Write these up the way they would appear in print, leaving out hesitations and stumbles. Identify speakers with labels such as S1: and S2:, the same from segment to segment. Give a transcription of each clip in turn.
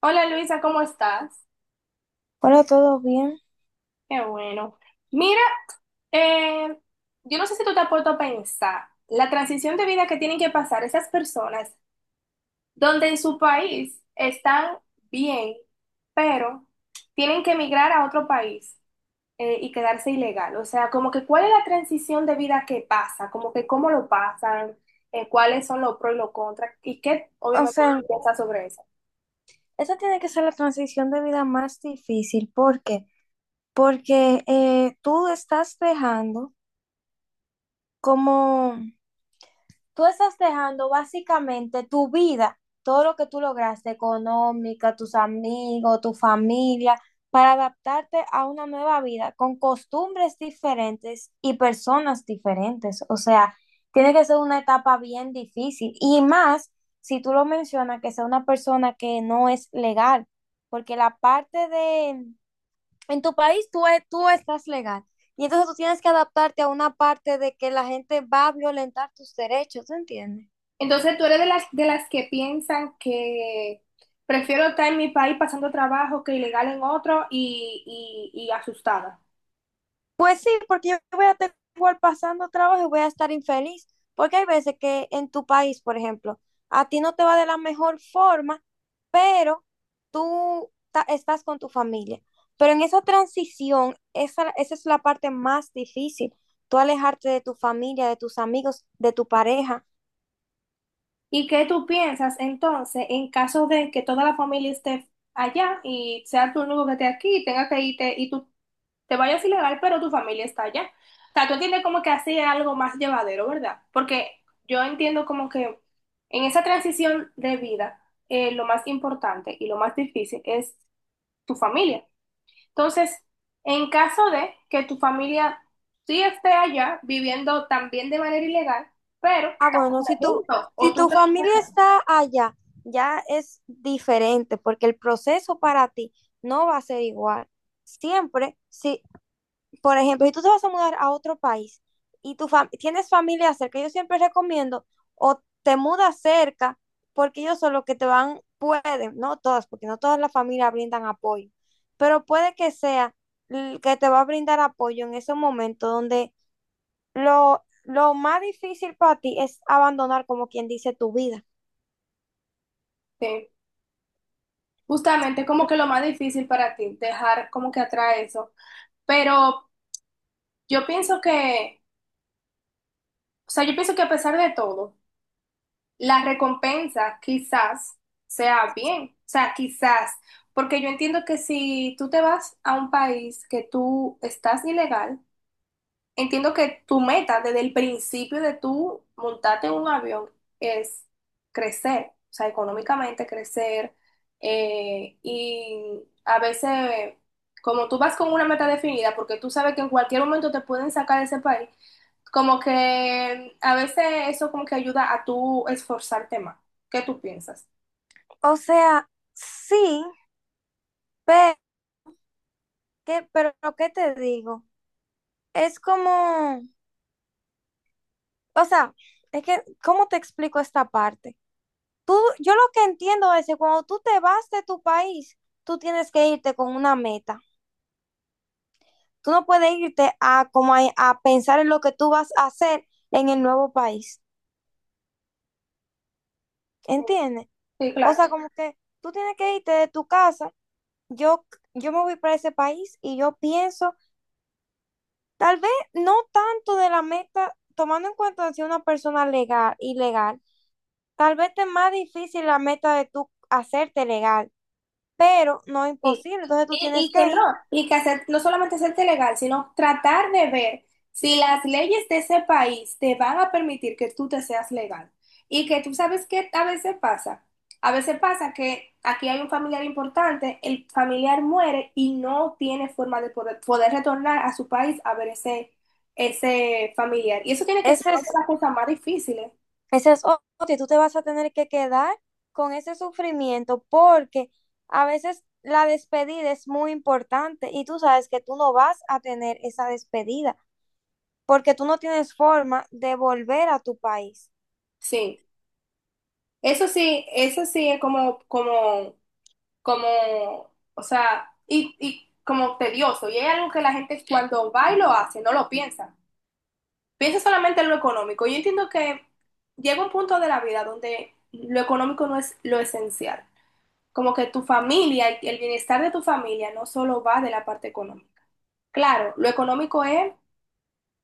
S1: Hola Luisa, ¿cómo estás?
S2: Hola, ¿todo bien?
S1: Qué bueno. Mira, eh, yo no sé si tú te has puesto a pensar la transición de vida que tienen que pasar esas personas donde en su país están bien, pero tienen que emigrar a otro país y quedarse ilegal. O sea, como que cuál es la transición de vida que pasa, como que cómo lo pasan, cuáles son los pros y los contras y qué
S2: O
S1: obviamente
S2: sea,
S1: tú piensas sobre eso.
S2: esa tiene que ser la transición de vida más difícil. ¿Por qué? Porque tú estás dejando como tú estás dejando básicamente tu vida, todo lo que tú lograste, económica, tus amigos, tu familia, para adaptarte a una nueva vida con costumbres diferentes y personas diferentes. O sea, tiene que ser una etapa bien difícil. Y más si tú lo mencionas, que sea una persona que no es legal, porque la parte de, en tu país tú, tú estás legal y entonces tú tienes que adaptarte a una parte de que la gente va a violentar tus derechos, ¿tú entiendes?
S1: Entonces, tú eres de las que piensan que prefiero estar en mi país pasando trabajo que ilegal en otro y asustada.
S2: Pues sí, porque yo voy a estar igual pasando trabajo y voy a estar infeliz, porque hay veces que en tu país, por ejemplo, a ti no te va de la mejor forma, pero estás con tu familia. Pero en esa transición, esa es la parte más difícil, tú alejarte de tu familia, de tus amigos, de tu pareja.
S1: ¿Y qué tú piensas entonces en caso de que toda la familia esté allá y sea tú el único que esté aquí y tenga que irte y tú te vayas ilegal, pero tu familia está allá? O sea, tú entiendes como que así es algo más llevadero, ¿verdad? Porque yo entiendo como que en esa transición de vida, lo más importante y lo más difícil es tu familia. Entonces, en caso de que tu familia sí esté allá viviendo también de manera ilegal, pero
S2: Ah,
S1: están
S2: bueno,
S1: como juntos, o
S2: si
S1: tú
S2: tu
S1: crees
S2: familia está allá, ya es diferente, porque el proceso para ti no va a ser igual. Siempre, si, por ejemplo, si tú te vas a mudar a otro país y tienes familia cerca, yo siempre recomiendo o te mudas cerca, porque ellos son los que te van, pueden, no todas, porque no todas las familias brindan apoyo, pero puede que sea que te va a brindar apoyo en ese momento donde lo más difícil para ti es abandonar, como quien dice, tu vida.
S1: que sí, justamente como que lo más difícil para ti, dejar como que atrás eso. Pero yo pienso que, o sea, yo pienso que a pesar de todo, la recompensa quizás sea bien, o sea, quizás, porque yo entiendo que si tú te vas a un país que tú estás ilegal, entiendo que tu meta desde el principio de tú montarte en un avión es crecer, o sea, económicamente crecer. Y a veces, como tú vas con una meta definida, porque tú sabes que en cualquier momento te pueden sacar de ese país, como que a veces eso como que ayuda a tú esforzarte más. ¿Qué tú piensas?
S2: O sea, sí, pero ¿qué te digo? Es como, o sea, es que, ¿cómo te explico esta parte? Tú, yo lo que entiendo es que cuando tú te vas de tu país, tú tienes que irte con una meta. Tú no puedes irte a, como a pensar en lo que tú vas a hacer en el nuevo país. ¿Entiendes?
S1: Sí,
S2: O
S1: claro.
S2: sea, como que tú tienes que irte de tu casa yo, yo me voy para ese país y yo pienso, tal vez no tanto de la meta, tomando en cuenta si una persona legal, ilegal, tal vez te es más difícil la meta de tú hacerte legal, pero no
S1: Sí.
S2: imposible. Entonces tú tienes
S1: Y que
S2: que
S1: no,
S2: ir.
S1: y que hacer, no solamente hacerte legal, sino tratar de ver si las leyes de ese país te van a permitir que tú te seas legal. Y que tú sabes que a veces pasa. A veces pasa que aquí hay un familiar importante, el familiar muere y no tiene forma de poder retornar a su país a ver ese familiar. Y eso tiene que ser
S2: Ese
S1: una de
S2: es,
S1: las cosas más difíciles.
S2: ese es otro, y tú te vas a tener que quedar con ese sufrimiento porque a veces la despedida es muy importante y tú sabes que tú no vas a tener esa despedida, porque tú no tienes forma de volver a tu país.
S1: Sí. Eso sí, eso sí es o sea, y como tedioso. Y hay algo que la gente cuando va y lo hace, no lo piensa. Piensa solamente en lo económico. Yo entiendo que llega un punto de la vida donde lo económico no es lo esencial. Como que tu familia, el bienestar de tu familia no solo va de la parte económica. Claro, lo económico es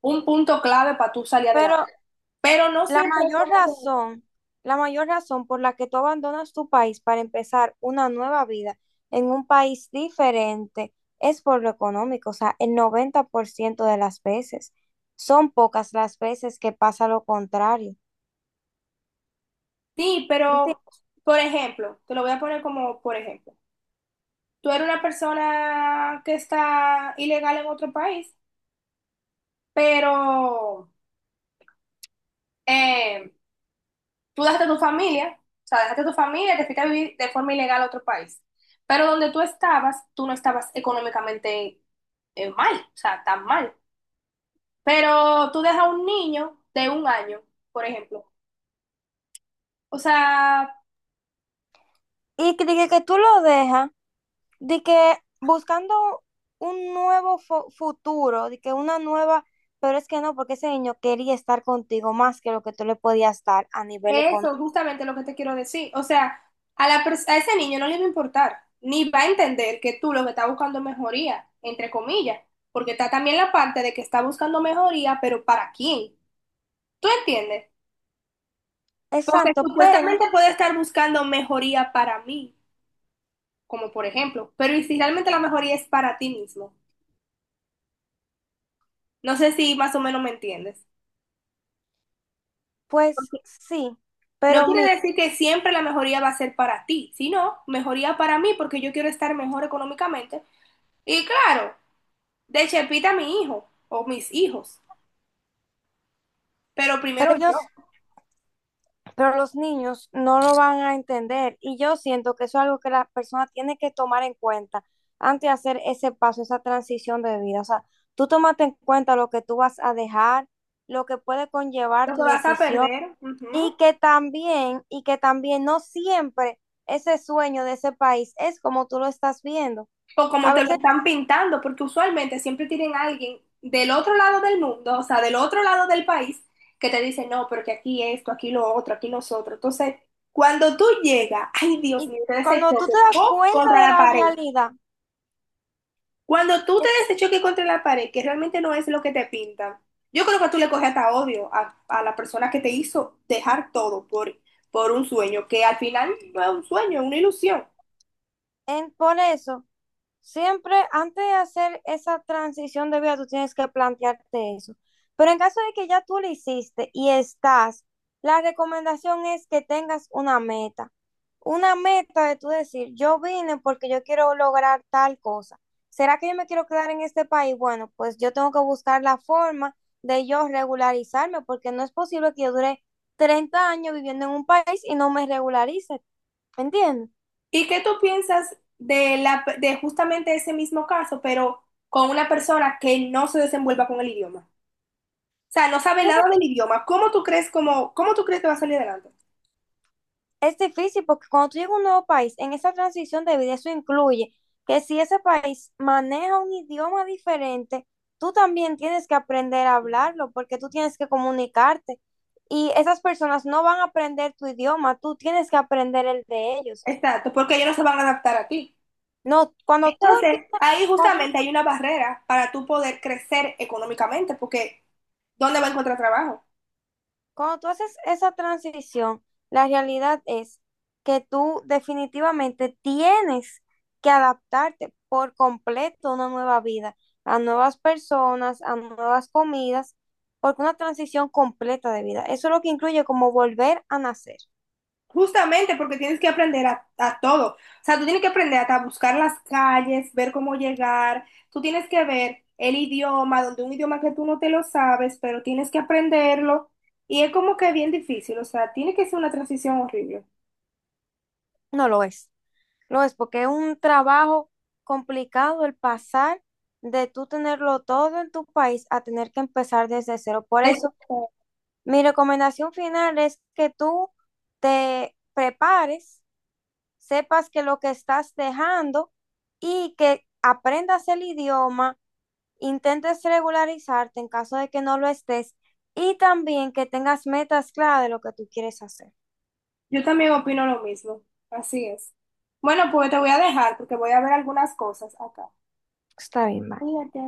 S1: un punto clave para tú salir
S2: Pero
S1: adelante. Pero no
S2: la
S1: siempre es
S2: mayor
S1: como que...
S2: razón, la mayor razón por la que tú abandonas tu país para empezar una nueva vida en un país diferente es por lo económico, o sea, el 90% de las veces. Son pocas las veces que pasa lo contrario.
S1: Sí,
S2: ¿Entiendes?
S1: pero, por ejemplo, te lo voy a poner como por ejemplo. Tú eres una persona que está ilegal en otro país, pero eh, tú dejaste a tu familia, o sea, dejaste a tu familia y te fuiste a vivir de forma ilegal a otro país. Pero donde tú estabas, tú no estabas económicamente mal, o sea, tan mal. Pero tú dejas a un niño de un año, por ejemplo. O sea,
S2: Y que tú lo dejas de que buscando un nuevo futuro, de que una nueva, pero es que no, porque ese niño quería estar contigo más que lo que tú le podías dar a nivel económico.
S1: eso, justamente lo que te quiero decir. O sea, a ese niño no le va a importar, ni va a entender que tú lo que estás buscando es mejoría, entre comillas, porque está también la parte de que está buscando mejoría, pero ¿para quién? ¿Tú entiendes? Porque
S2: Exacto, pero
S1: supuestamente puede estar buscando mejoría para mí, como por ejemplo, pero ¿y si realmente la mejoría es para ti mismo? No sé si más o menos me entiendes.
S2: pues sí,
S1: No
S2: pero
S1: quiere
S2: mi,
S1: decir que siempre la mejoría va a ser para ti, sino mejoría para mí porque yo quiero estar mejor económicamente. Y claro. De Chepita mi hijo o mis hijos, pero
S2: pero
S1: primero
S2: ellos,
S1: yo.
S2: pero los niños no lo van a entender y yo siento que eso es algo que la persona tiene que tomar en cuenta antes de hacer ese paso, esa transición de vida. O sea, tú tómate en cuenta lo que tú vas a dejar, lo que puede conllevar
S1: Lo que
S2: tu
S1: vas a
S2: decisión.
S1: perder, ujú.
S2: Y que también no siempre ese sueño de ese país es como tú lo estás viendo.
S1: O como
S2: A
S1: te lo
S2: veces,
S1: están pintando, porque usualmente siempre tienen a alguien del otro lado del mundo, o sea, del otro lado del país, que te dice, no, porque aquí esto, aquí lo otro, aquí nosotros. Entonces, cuando tú llegas, ay Dios
S2: y
S1: mío, te des el
S2: cuando tú
S1: choque,
S2: te das
S1: ¡pum, contra
S2: cuenta de
S1: la
S2: la
S1: pared!
S2: realidad,
S1: Cuando tú te des ese choque contra la pared, que realmente no es lo que te pintan, yo creo que tú le coges hasta odio a la persona que te hizo dejar todo por un sueño, que al final no es un sueño, es una ilusión.
S2: por eso siempre antes de hacer esa transición de vida, tú tienes que plantearte eso. Pero en caso de que ya tú lo hiciste y estás, la recomendación es que tengas una meta. Una meta de tú decir, yo vine porque yo quiero lograr tal cosa. ¿Será que yo me quiero quedar en este país? Bueno, pues yo tengo que buscar la forma de yo regularizarme porque no es posible que yo dure 30 años viviendo en un país y no me regularice. ¿Entiendes?
S1: ¿Y qué tú piensas de, la, de justamente ese mismo caso, pero con una persona que no se desenvuelva con el idioma? O sea, no sabe nada del idioma. ¿Cómo tú crees, cómo, cómo tú crees que va a salir adelante?
S2: Es difícil porque cuando tú llegas a un nuevo país, en esa transición de vida, eso incluye que si ese país maneja un idioma diferente, tú también tienes que aprender a hablarlo porque tú tienes que comunicarte y esas personas no van a aprender tu idioma, tú tienes que aprender el de ellos.
S1: Exacto, porque ellos no se van a adaptar a ti.
S2: No,
S1: Entonces, ahí
S2: cuando tú
S1: justamente hay una barrera para tú poder crecer económicamente, porque ¿dónde va a encontrar trabajo?
S2: Cuando tú haces esa transición, la realidad es que tú definitivamente tienes que adaptarte por completo a una nueva vida, a nuevas personas, a nuevas comidas, porque una transición completa de vida. Eso es lo que incluye como volver a nacer.
S1: Justamente porque tienes que aprender a todo. O sea, tú tienes que aprender hasta a buscar las calles, ver cómo llegar, tú tienes que ver el idioma, donde un idioma que tú no te lo sabes, pero tienes que aprenderlo. Y es como que bien difícil, o sea, tiene que ser una transición horrible.
S2: No lo es. Lo es porque es un trabajo complicado el pasar de tú tenerlo todo en tu país a tener que empezar desde cero. Por
S1: Es-
S2: eso mi recomendación final es que tú te prepares, sepas que lo que estás dejando y que aprendas el idioma, intentes regularizarte en caso de que no lo estés y también que tengas metas claras de lo que tú quieres hacer.
S1: Yo también opino lo mismo, así es. Bueno, pues te voy a dejar porque voy a ver algunas cosas acá.
S2: Está bien, bye.
S1: Cuídate.